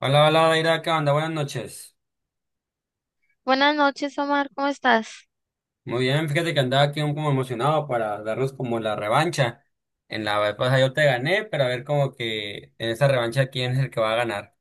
Hola, hola, Naira, ¿qué onda? Buenas noches. Buenas noches, Omar, ¿cómo estás? Muy bien, fíjate que andaba aquí un- como emocionado para darnos como la revancha. En la vez pasada yo te gané, pero a ver como que en esta revancha quién es el que va a ganar.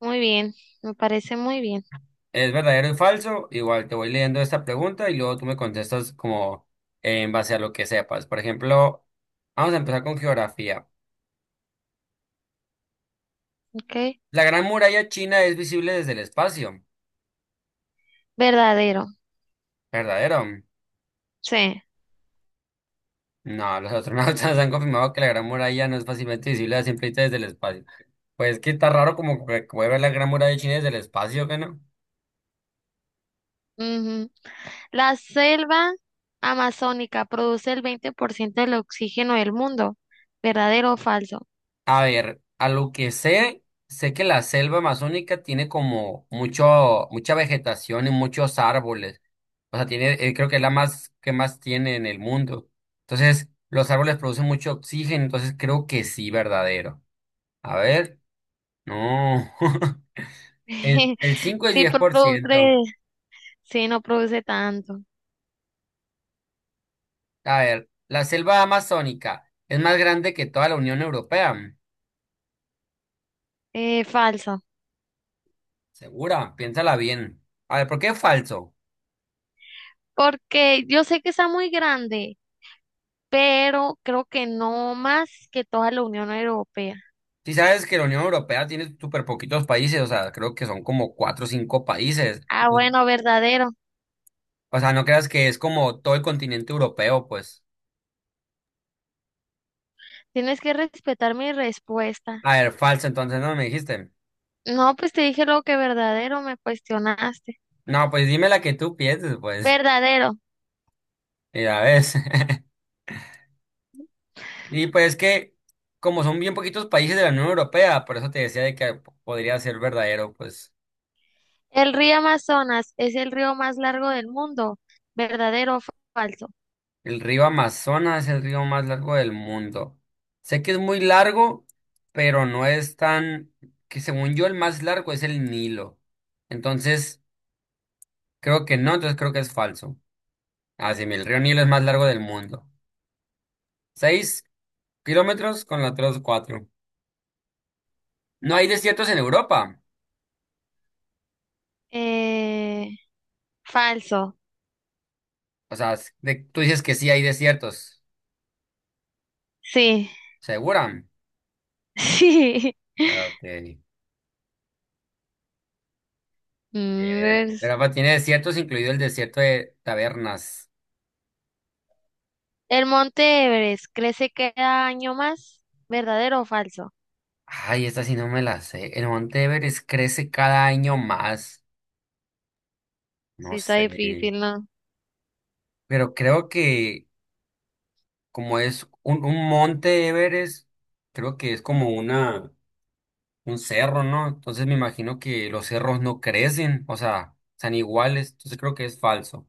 Muy bien, me parece muy bien. ¿Es verdadero y falso? Igual te voy leyendo esta pregunta y luego tú me contestas como en base a lo que sepas. Por ejemplo, vamos a empezar con geografía. ¿Ok? La Gran Muralla China es visible desde el espacio. Verdadero, ¿Verdadero? sí. No, los astronautas han confirmado que la Gran Muralla no es fácilmente visible a simple vista desde el espacio. Pues que está raro como que puede ver la Gran Muralla de China desde el espacio, ¿qué no? Ujú. La selva amazónica produce el 20% del oxígeno del mundo. ¿Verdadero o falso? A ver, a lo que sé, sé que la selva amazónica tiene como mucha vegetación y muchos árboles. O sea, tiene, creo que es la más que más tiene en el mundo. Entonces, los árboles producen mucho oxígeno, entonces creo que sí, verdadero. A ver, no. El 5 y Sí, 10%. produce, sí, no produce tanto. A ver, la selva amazónica es más grande que toda la Unión Europea. Falso. Segura, piénsala bien. A ver, ¿por qué falso? Porque yo sé que está muy grande, pero creo que no más que toda la Unión Europea. Si sabes que la Unión Europea tiene súper poquitos países, o sea, creo que son como cuatro o cinco países. Ah, Entonces, bueno, verdadero. o sea, no creas que es como todo el continente europeo, pues. Tienes que respetar mi respuesta. A ver, falso, entonces no me dijiste. No, pues te dije lo que verdadero, me cuestionaste. No, pues dime la que tú pienses, pues. Verdadero. Y la ves. Y pues es que, como son bien poquitos países de la Unión Europea, por eso te decía de que podría ser verdadero, pues. El río Amazonas es el río más largo del mundo. ¿Verdadero o falso? El río Amazonas es el río más largo del mundo. Sé que es muy largo, pero no es tan, que según yo el más largo es el Nilo. Entonces, creo que no, entonces creo que es falso. Ah, sí, mira, el río Nilo es más largo del mundo. 6 kilómetros con la tres cuatro. No hay desiertos en Europa. Eh, Falso. O sea, s- de- tú dices que sí hay desiertos. Sí, ¿Segura? sí. Ah, ok. Mm, es- Europa tiene desiertos, incluido el desierto de Tabernas. El monte Everest crece cada año más. ¿Verdadero o falso? Ay, esta sí no me la sé. El Monte Everest crece cada año más. Sí, No está sé. difícil, ¿no? Pero creo que como es un Monte Everest, creo que es como una, un cerro, ¿no? Entonces me imagino que los cerros no crecen, o sea, están iguales. Entonces creo que es falso.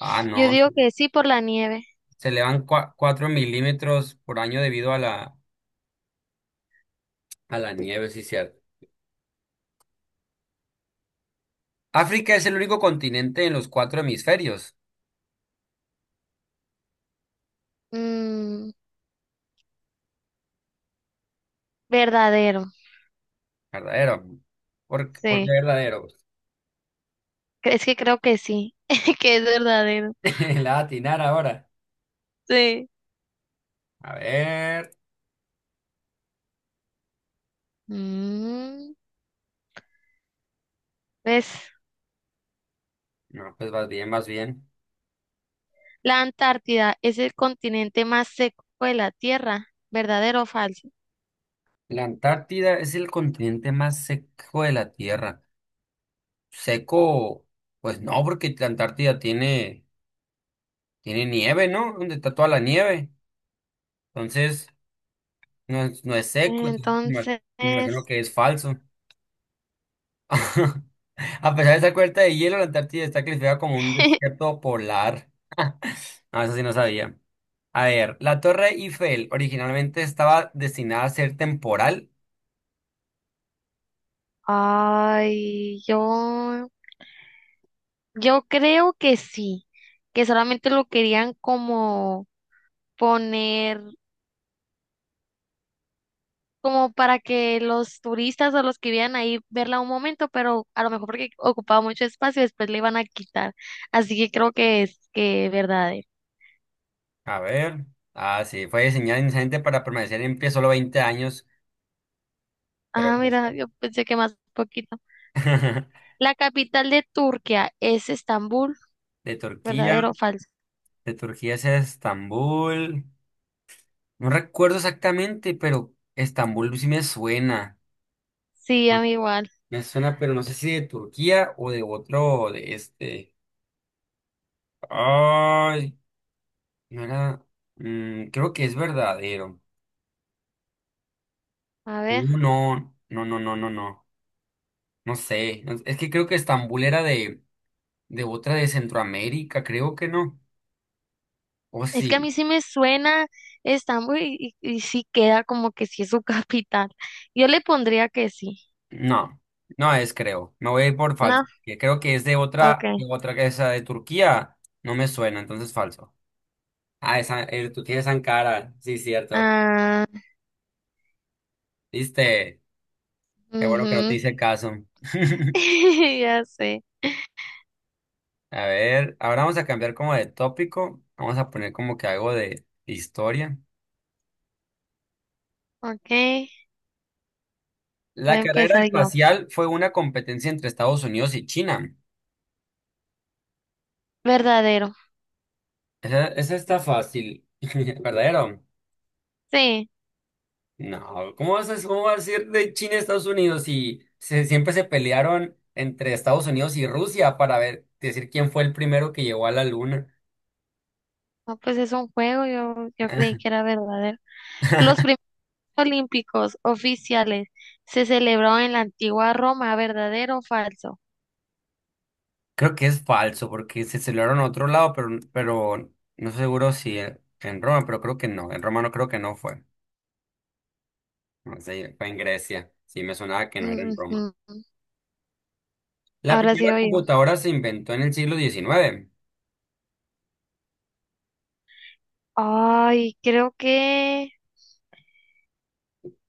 Ah, Yo no. digo que sí por la nieve. Se elevan 4 mm por año debido a a la nieve, sí, cierto. África es el único continente en los cuatro hemisferios. Mm, verdadero. Verdadero. Por qué Sí. verdadero? Es que creo que sí, que es verdadero. La va a atinar ahora. Sí. A ver. Mm. ¿Ves? No, pues vas bien, vas bien. La Antártida es el continente más seco de la Tierra, ¿verdadero o falso? La Antártida es el continente más seco de la Tierra. Seco, pues no, porque la Antártida tiene, tiene nieve, ¿no? Donde está toda la nieve. Entonces, no es, no es seco. Entonces, Entonces, me imagino que es falso. A pesar de esa cubierta de hielo, la Antártida está clasificada como un desierto polar. No, eso sí no sabía. A ver, la Torre Eiffel originalmente estaba destinada a ser temporal. Yo, yo creo que sí, que solamente lo querían como poner, como para que los turistas o los que vivían ahí verla un momento, pero a lo mejor porque ocupaba mucho espacio, después le iban a quitar. Así que creo que es que verdadero. A ver. Ah, sí, fue diseñada inicialmente para permanecer en pie solo 20 años, pero Ah, como- mira, yo pensé que más poquito. La capital de Turquía es Estambul, de Turquía, ¿verdadero o falso? de Turquía es Estambul. No recuerdo exactamente, pero Estambul sí me suena. Sí, a mí igual. Me suena, pero no sé si de Turquía o de otro de este. Ay, no era. Creo que es verdadero. A ver, No, no. No sé. No- Es que creo que Estambul era de otra de Centroamérica, creo que no. O es que a sí. mí sí me suena Estambul y sí queda como que sí es su capital. Yo le pondría que sí. No, no es, creo. Me voy a ir por No, falso. Que creo que es ok. De otra que esa de Turquía. No me suena, entonces falso. Ah, esa, tú tienes Ankara. Sí, cierto. Ah, ¿Viste? Qué bueno que no te ujú. hice caso. Ya sé. A ver, ahora vamos a cambiar como de tópico. Vamos a poner como que algo de historia. Ok, voy La a carrera empezar yo. espacial fue una competencia entre Estados Unidos y China. Verdadero. Esa está fácil. ¿Verdadero? Sí, No, cómo vas a ir de China a Estados Unidos si se- siempre se pelearon entre Estados Unidos y Rusia para ver, decir quién fue el primero que llegó a la luna? no, pues es un juego, yo creí que era verdadero. Los primeros olímpicos oficiales se celebraron en la antigua Roma, ¿verdadero o falso? Creo que es falso porque se celebraron a otro lado, pero no estoy seguro si en, en Roma, pero creo que no. En Roma no creo que no fue. No sé, fue en Grecia. Sí, me sonaba que no era en Roma. Ujú. La Ahora primera sí oigo. computadora se inventó en el siglo XIX. Ay, creo que,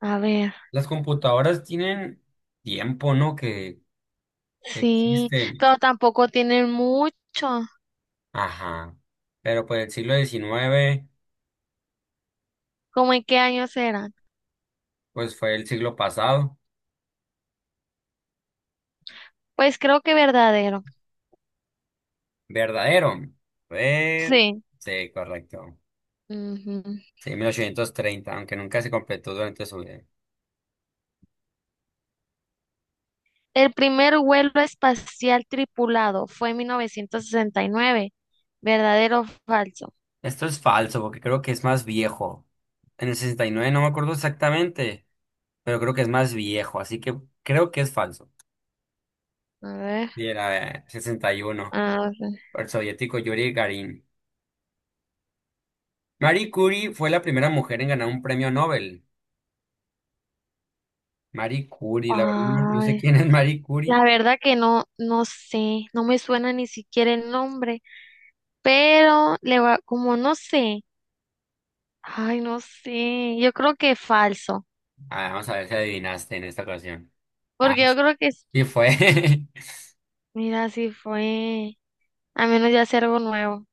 a ver, Las computadoras tienen tiempo, ¿no? Que sí, existen. pero tampoco tienen mucho. Ajá. Pero pues el siglo 19 ¿Cómo en qué años eran? pues fue el siglo pasado. Pues creo que verdadero. Verdadero. Ver... Sí. Sí, correcto. Ujú. Sí, 1830 aunque nunca se completó durante su vida. El primer vuelo espacial tripulado fue en 1969. ¿Verdadero o falso? Esto es falso, porque creo que es más viejo. En el 69 no me acuerdo exactamente, pero creo que es más viejo, así que creo que es falso. A ver, Y era 61, a ver. por el soviético Yuri Garin. Marie Curie fue la primera mujer en ganar un premio Nobel. Marie Curie, la verdad, no sé Ay, quién es Marie Curie. la verdad que no, no sé, no me suena ni siquiera el nombre, pero le va, como no sé. Ay, no sé, yo creo que falso, Ah, vamos a ver si adivinaste en esta ocasión. Ah, porque yo creo que, es- sí fue. mira, si fue, a menos ya hacer algo nuevo.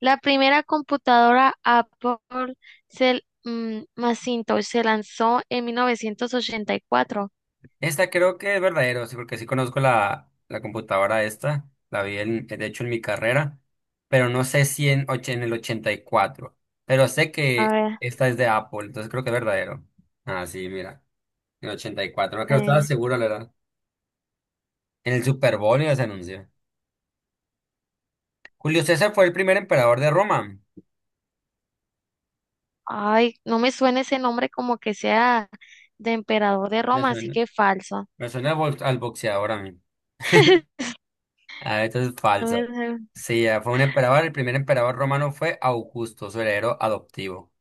La primera computadora Apple se, mm, Macintosh se lanzó en 1984. Esta creo que es verdadero, sí, porque sí conozco la computadora esta. La vi, en- de hecho, en mi carrera, pero no sé si en, och- en el 84. Pero sé A que ver, esta es de Apple, entonces creo que es verdadero. Ah, sí, mira. En el 84 no creo, estaba eh, seguro, la verdad. En el Super Bowl ya se anunció. Julio César fue el primer emperador de Roma. ay, no me suena ese nombre como que sea de emperador de Me Roma, así suena, que falso. me suena al box- al boxeador a mí. Ah, esto es No falso. me suena. Sí, ah, fue un emperador. El primer emperador romano fue Augusto, su heredero adoptivo.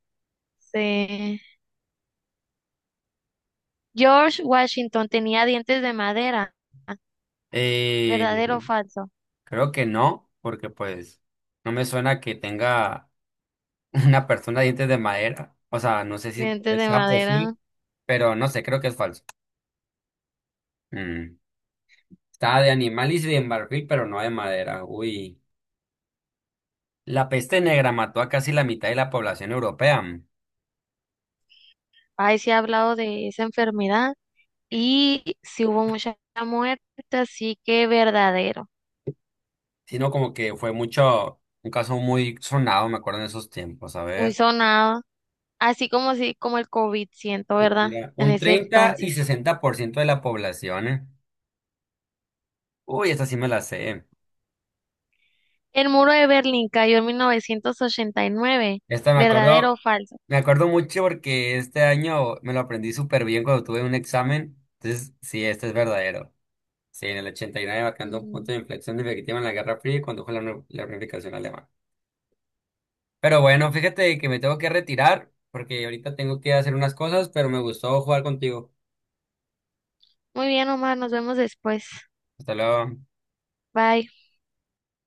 Sí. George Washington tenía dientes de madera. ¿Verdadero o Eh, falso? creo que no, porque pues no me suena que tenga una persona de dientes de madera. O sea, no sé si Dientes de sea posible, madera. pero no sé, creo que es falso. Mm. Estaba de animal y de marfil, pero no de madera. Uy. La peste negra mató a casi la mitad de la población europea, Ahí se ha hablado de esa enfermedad y si hubo muchas muertes, así que verdadero, sino como que fue mucho, un caso muy sonado, me acuerdo en esos tiempos. A muy ver. sonado, así como si como el COVID, siento, ¿verdad? Era En un ese 30 y entonces. 60% de la población. ¿Eh? Uy, esta sí me la sé. El muro de Berlín cayó en 1989, Esta ¿verdadero o falso? me acuerdo mucho porque este año me lo aprendí súper bien cuando tuve un examen. Entonces, sí, este es verdadero. Sí, en el 89 marcando un Mm. punto de inflexión definitiva en la Guerra Fría y condujo a nu- la unificación alemana. Pero bueno, fíjate que me tengo que retirar porque ahorita tengo que hacer unas cosas, pero me gustó jugar contigo. Muy bien, Omar, nos vemos después. Hasta luego. Bye.